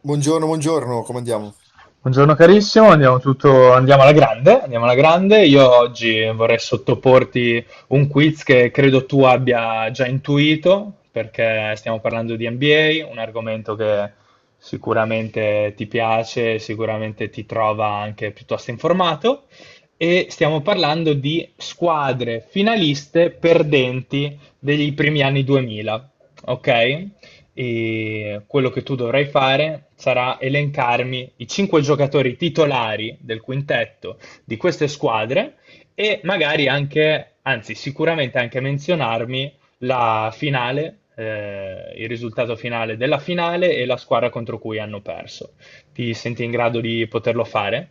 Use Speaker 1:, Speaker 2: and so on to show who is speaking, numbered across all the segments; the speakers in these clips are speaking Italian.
Speaker 1: Buongiorno, buongiorno, come andiamo?
Speaker 2: Buongiorno carissimo, andiamo, tutto, andiamo alla grande, andiamo alla grande. Io oggi vorrei sottoporti un quiz che credo tu abbia già intuito, perché stiamo parlando di NBA, un argomento che sicuramente ti piace, sicuramente ti trova anche piuttosto informato, e stiamo parlando di squadre finaliste perdenti degli primi anni 2000, ok? E quello che tu dovrai fare sarà elencarmi i cinque giocatori titolari del quintetto di queste squadre e magari anche, anzi sicuramente anche menzionarmi la finale, il risultato finale della finale e la squadra contro cui hanno perso. Ti senti in grado di poterlo fare?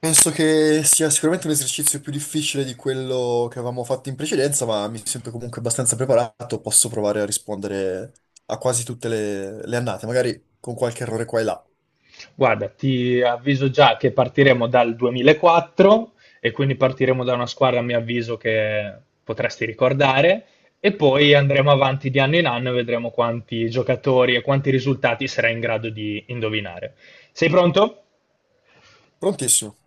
Speaker 1: Penso che sia sicuramente un esercizio più difficile di quello che avevamo fatto in precedenza, ma mi sento comunque abbastanza preparato, posso provare a rispondere a quasi tutte le annate, magari con qualche errore qua e là.
Speaker 2: Guarda, ti avviso già che partiremo dal 2004 e quindi partiremo da una squadra, a mio avviso, che potresti ricordare e poi andremo avanti di anno in anno e vedremo quanti giocatori e quanti risultati sarai in grado di indovinare. Sei pronto?
Speaker 1: Prontissimo.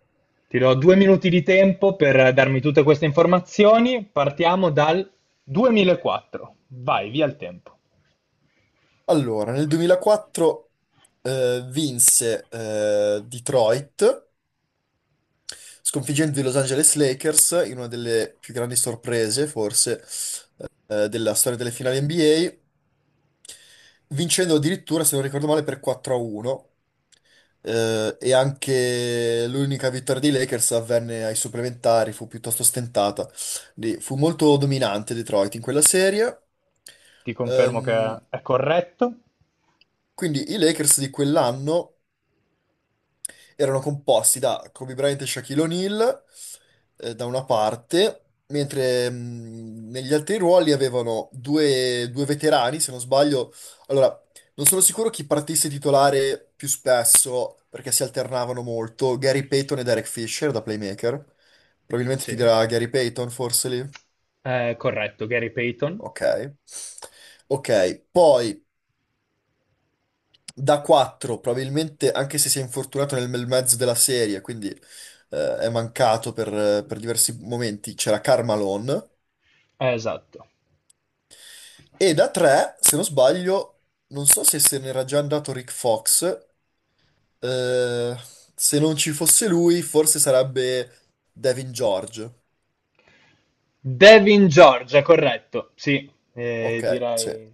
Speaker 2: Ti do 2 minuti di tempo per darmi tutte queste informazioni. Partiamo dal 2004. Vai, via il tempo.
Speaker 1: Allora, nel 2004 vinse Detroit, sconfiggendo i Los Angeles Lakers in una delle più grandi sorprese, forse, della storia delle finali NBA, vincendo addirittura, se non ricordo male, per 4-1. E anche l'unica vittoria dei Lakers avvenne ai supplementari, fu piuttosto stentata. Quindi fu molto dominante Detroit in quella serie.
Speaker 2: Ti confermo
Speaker 1: Ehm,
Speaker 2: che è corretto.
Speaker 1: quindi i Lakers di quell'anno erano composti da Kobe Bryant e Shaquille O'Neal, da una parte, mentre negli altri ruoli avevano due veterani, se non sbaglio. Allora, non sono sicuro chi partisse titolare più spesso, perché si alternavano molto, Gary Payton e Derek Fisher da playmaker. Probabilmente ti
Speaker 2: Sì.
Speaker 1: dirà Gary Payton, forse lì.
Speaker 2: È corretto, Gary Payton.
Speaker 1: Ok. Ok, poi da 4, probabilmente anche se si è infortunato nel bel mezzo della serie, quindi è mancato per diversi momenti, c'era Carmalone.
Speaker 2: Esatto.
Speaker 1: E da 3, se non sbaglio, non so se se n'era già andato Rick Fox, eh, se non ci fosse lui forse sarebbe Devin George.
Speaker 2: Devin Georgia, corretto. Sì,
Speaker 1: Ok, sì.
Speaker 2: direi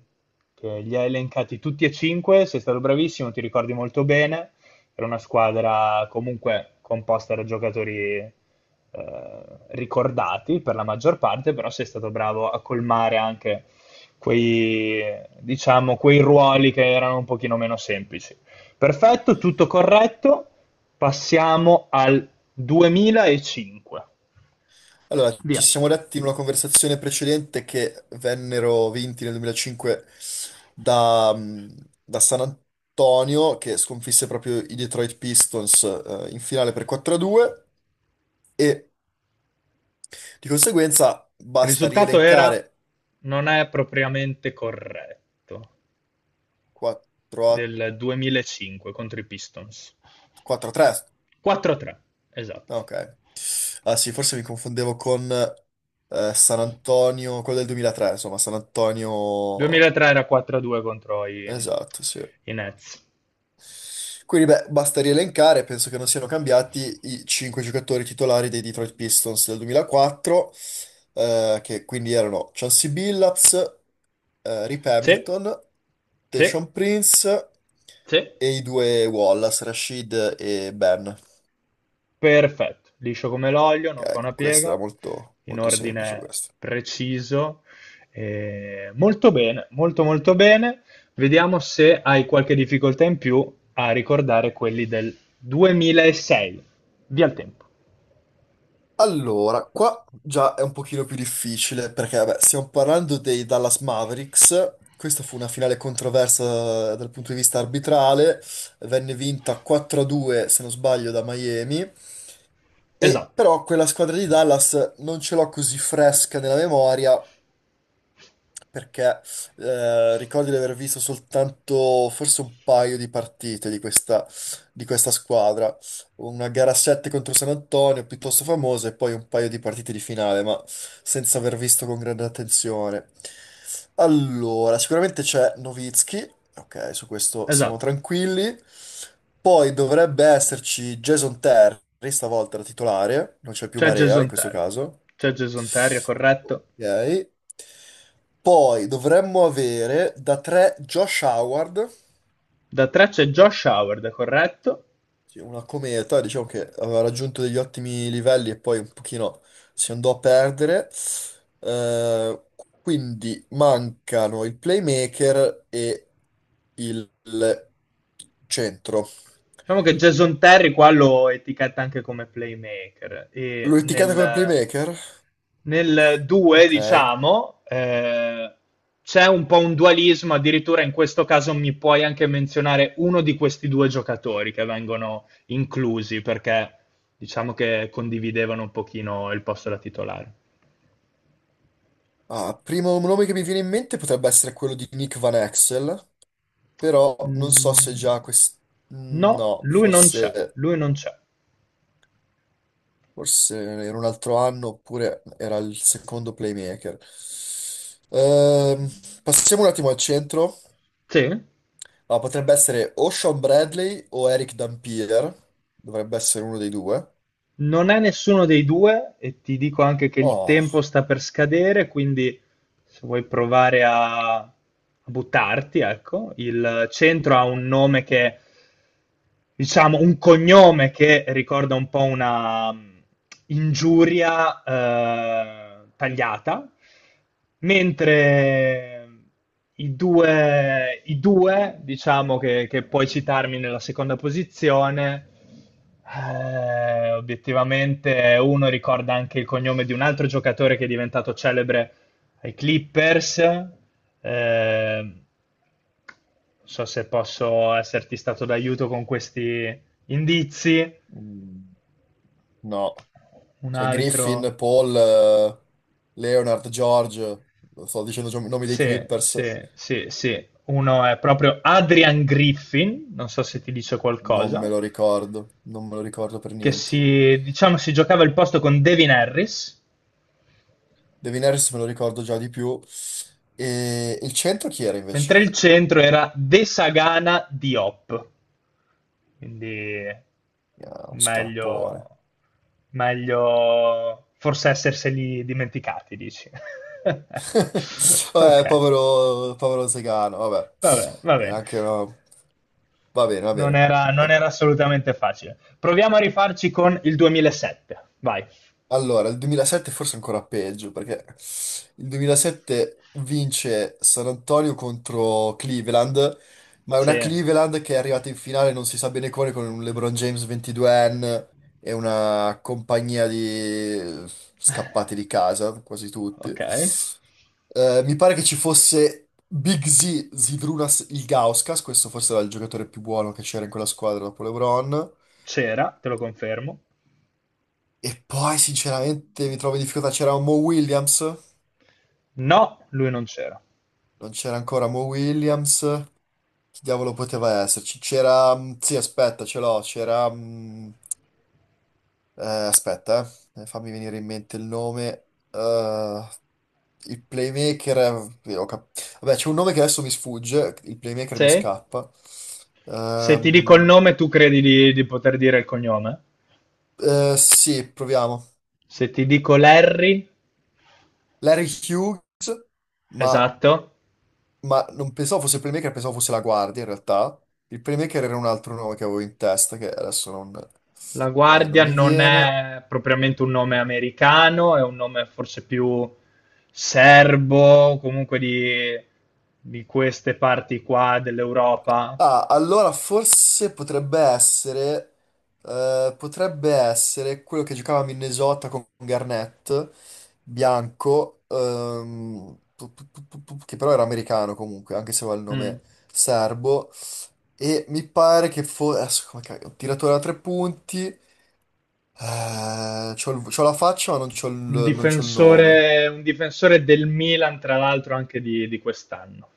Speaker 2: che li hai elencati tutti e cinque, sei stato bravissimo, ti ricordi molto bene. Era una squadra comunque composta da giocatori ricordati per la maggior parte, però sei stato bravo a colmare anche quei, diciamo, quei ruoli che erano un pochino meno semplici. Perfetto, tutto corretto. Passiamo al 2005.
Speaker 1: Allora, ci
Speaker 2: Via.
Speaker 1: siamo detti in una conversazione precedente che vennero vinti nel 2005 da, mh, da San Antonio, che sconfisse proprio i Detroit Pistons, in finale per 4-2 e di conseguenza
Speaker 2: Il
Speaker 1: basta
Speaker 2: risultato era,
Speaker 1: rielencare
Speaker 2: non è propriamente corretto,
Speaker 1: 4
Speaker 2: del 2005 contro i Pistons.
Speaker 1: 4-3.
Speaker 2: 4-3,
Speaker 1: Ah,
Speaker 2: esatto.
Speaker 1: Ok. Ah sì, forse mi confondevo con San Antonio, quello del 2003, insomma, San Antonio.
Speaker 2: 2003 era 4-2 contro i,
Speaker 1: Esatto, sì.
Speaker 2: i Nets.
Speaker 1: Quindi, beh, basta rielencare, penso che non siano cambiati i cinque giocatori titolari dei Detroit Pistons del 2004, che quindi erano Chauncey Billups, Rip
Speaker 2: Sì,
Speaker 1: Hamilton,
Speaker 2: sì,
Speaker 1: Tayshaun Prince
Speaker 2: sì.
Speaker 1: e i due Wallace, Rashid e Ben.
Speaker 2: Perfetto, liscio come l'olio, non fa una
Speaker 1: Ok, questa era
Speaker 2: piega,
Speaker 1: molto,
Speaker 2: in
Speaker 1: molto semplice
Speaker 2: ordine
Speaker 1: questa.
Speaker 2: preciso. Molto bene, molto molto bene. Vediamo se hai qualche difficoltà in più a ricordare quelli del 2006. Via il tempo.
Speaker 1: Allora, qua già è un pochino più difficile perché vabbè, stiamo parlando dei Dallas Mavericks. Questa fu una finale controversa dal punto di vista arbitrale, venne vinta 4-2 se non sbaglio da Miami, e
Speaker 2: Esatto,
Speaker 1: però quella squadra di Dallas non ce l'ho così fresca nella memoria perché ricordo di aver visto soltanto forse un paio di partite di questa squadra, una gara 7 contro San Antonio piuttosto famosa e poi un paio di partite di finale, ma senza aver visto con grande attenzione. Allora, sicuramente c'è Nowitzki, ok, su questo siamo
Speaker 2: esatto.
Speaker 1: tranquilli. Poi dovrebbe esserci Jason Terry, stavolta da titolare, non c'è più
Speaker 2: C'è
Speaker 1: Barea in
Speaker 2: Jason
Speaker 1: questo
Speaker 2: Terry.
Speaker 1: caso.
Speaker 2: C'è Jason Terry, è corretto.
Speaker 1: Ok. Poi dovremmo avere da 3 Josh Howard,
Speaker 2: Da 3 c'è Josh Howard, è corretto.
Speaker 1: che è una cometa, diciamo che aveva raggiunto degli ottimi livelli e poi un pochino si andò a perdere. Eh, quindi mancano il playmaker e il centro.
Speaker 2: Diciamo che Jason Terry qua lo etichetta anche come playmaker e
Speaker 1: L'ho etichetta come
Speaker 2: nel,
Speaker 1: playmaker?
Speaker 2: nel 2,
Speaker 1: Ok.
Speaker 2: diciamo, c'è un po' un dualismo, addirittura in questo caso mi puoi anche menzionare uno di questi due giocatori che vengono inclusi perché diciamo che condividevano un pochino il posto da titolare.
Speaker 1: Ah, primo nome che mi viene in mente potrebbe essere quello di Nick Van Exel, però non so se
Speaker 2: Mm,
Speaker 1: già questo.
Speaker 2: no,
Speaker 1: No,
Speaker 2: lui non c'è,
Speaker 1: forse.
Speaker 2: lui non c'è.
Speaker 1: Forse era un altro anno, oppure era il secondo playmaker. Ehm, Passiamo un attimo al centro.
Speaker 2: Sì?
Speaker 1: Ah, potrebbe essere o Sean Bradley o Eric Dampier. Dovrebbe essere uno dei due.
Speaker 2: Non è nessuno dei due e ti dico anche che il tempo
Speaker 1: Oh,
Speaker 2: sta per scadere, quindi se vuoi provare a buttarti, ecco, il centro ha un nome che, diciamo, un cognome che ricorda un po' una ingiuria tagliata, mentre i due, diciamo, che puoi citarmi nella seconda posizione. Obiettivamente uno ricorda anche il cognome di un altro giocatore che è diventato celebre ai Clippers. Non so se posso esserti stato d'aiuto con questi indizi.
Speaker 1: mm, no.
Speaker 2: Un
Speaker 1: Cioè
Speaker 2: altro,
Speaker 1: Griffin, Paul, Leonard, George. Sto dicendo i nomi dei
Speaker 2: sì,
Speaker 1: Clippers.
Speaker 2: sì, sì, sì. Uno è proprio Adrian Griffin, non so se ti dice
Speaker 1: Non me
Speaker 2: qualcosa,
Speaker 1: lo ricordo. Non me lo ricordo per
Speaker 2: che
Speaker 1: niente.
Speaker 2: si, diciamo, si giocava il posto con Devin Harris.
Speaker 1: Devin Harris me lo ricordo già di più. E il centro chi era invece?
Speaker 2: Mentre il centro era De Sagana Diop. Quindi
Speaker 1: Uno scarpone.
Speaker 2: meglio, meglio forse esserseli dimenticati, dici.
Speaker 1: Vabbè,
Speaker 2: Ok,
Speaker 1: povero, povero Zegano, vabbè.
Speaker 2: va bene, va
Speaker 1: Era
Speaker 2: bene.
Speaker 1: anche una- Va bene, va
Speaker 2: Non
Speaker 1: bene.
Speaker 2: era, non era assolutamente facile. Proviamo a rifarci con il 2007. Vai.
Speaker 1: Allora, il 2007 forse è ancora peggio, perché il 2007 vince San Antonio contro Cleveland, ma è una
Speaker 2: Sì.
Speaker 1: Cleveland che è arrivata in finale non si sa bene come, con un LeBron James 22enne e una compagnia di scappati di casa, quasi tutti.
Speaker 2: Ok.
Speaker 1: Mi pare che ci fosse Big Z, Zydrunas Ilgauskas, questo forse era il giocatore più buono che c'era in quella squadra dopo LeBron.
Speaker 2: C'era, te lo confermo.
Speaker 1: E poi sinceramente mi trovo in difficoltà, c'era Mo Williams,
Speaker 2: No, lui non c'era.
Speaker 1: non c'era ancora Mo Williams, chi diavolo poteva esserci? C'era, sì aspetta, ce l'ho, c'era, aspetta, fammi venire in mente il nome. Il playmaker, vabbè, c'è un nome che adesso mi sfugge, il playmaker mi
Speaker 2: Sì.
Speaker 1: scappa.
Speaker 2: Se ti dico il
Speaker 1: Ehm,
Speaker 2: nome, tu credi di poter dire il cognome?
Speaker 1: Sì, proviamo.
Speaker 2: Se ti dico Larry,
Speaker 1: Larry Hughes, ma,
Speaker 2: esatto,
Speaker 1: ma non pensavo fosse il playmaker, pensavo fosse la guardia in realtà. Il playmaker era un altro nome che avevo in testa, che adesso non,
Speaker 2: la
Speaker 1: eh, non
Speaker 2: guardia
Speaker 1: mi
Speaker 2: non
Speaker 1: viene.
Speaker 2: è propriamente un nome americano, è un nome forse più serbo, comunque di, queste parti qua dell'Europa.
Speaker 1: Ah, allora forse potrebbe essere quello che giocava a Minnesota con Garnett, bianco, che però era americano comunque, anche se aveva il
Speaker 2: Mm.
Speaker 1: nome serbo. E mi pare che fosse. Adesso, come cavolo, un tiratore a tre punti. C'ho la faccia, ma non c'ho il, non c'ho il nome.
Speaker 2: Un difensore del Milan, tra l'altro, anche di quest'anno.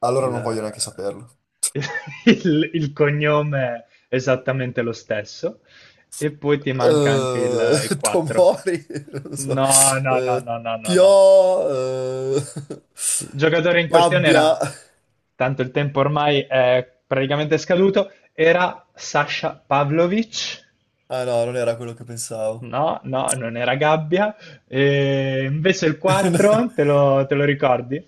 Speaker 1: Allora non voglio neanche
Speaker 2: Il,
Speaker 1: saperlo.
Speaker 2: il cognome è esattamente lo stesso e poi ti manca anche il 4.
Speaker 1: Tomori, non so.
Speaker 2: No, no, no,
Speaker 1: Eh,
Speaker 2: no, no, no, no.
Speaker 1: Tio, eh,
Speaker 2: Il giocatore in questione
Speaker 1: Gabbia.
Speaker 2: era, tanto il tempo ormai è praticamente scaduto, era Sasha Pavlovic.
Speaker 1: Ah no, non era quello che pensavo.
Speaker 2: No, no, non era Gabbia. E invece il 4, te lo, te lo ricordi?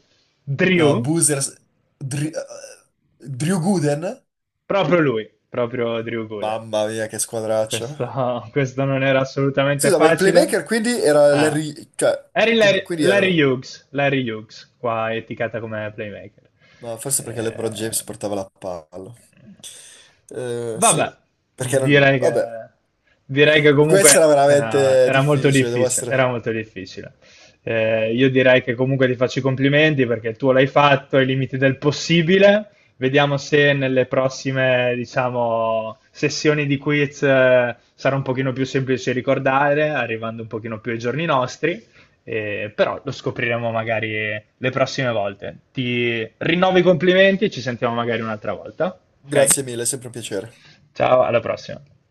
Speaker 1: No,
Speaker 2: Drew,
Speaker 1: Boozers. Dri- eh, Drew Gooden?
Speaker 2: proprio lui, proprio Drew Gooden.
Speaker 1: Mamma mia, che squadraccio.
Speaker 2: Questo, questo non era assolutamente
Speaker 1: Scusa, ma il
Speaker 2: facile.
Speaker 1: playmaker quindi era
Speaker 2: Ah,
Speaker 1: Larry. Cioè,
Speaker 2: Eri Larry,
Speaker 1: quindi
Speaker 2: Larry
Speaker 1: erano.
Speaker 2: Hughes, Larry Hughes, qua etichetta come playmaker.
Speaker 1: No, forse perché LeBron James
Speaker 2: Eh,
Speaker 1: portava la palla. Sì,
Speaker 2: vabbè,
Speaker 1: perché non.
Speaker 2: direi che,
Speaker 1: Vabbè,
Speaker 2: direi che
Speaker 1: questa era
Speaker 2: comunque
Speaker 1: veramente
Speaker 2: era molto
Speaker 1: difficile, devo
Speaker 2: difficile, era
Speaker 1: essere.
Speaker 2: molto difficile. Io direi che comunque ti faccio i complimenti perché tu l'hai fatto ai limiti del possibile. Vediamo se nelle prossime, diciamo, sessioni di quiz sarà un pochino più semplice ricordare, arrivando un pochino più ai giorni nostri, però lo scopriremo magari le prossime volte. Ti rinnovo i complimenti e ci sentiamo magari un'altra volta, ok?
Speaker 1: Grazie mille, è sempre un piacere.
Speaker 2: Ciao, alla prossima.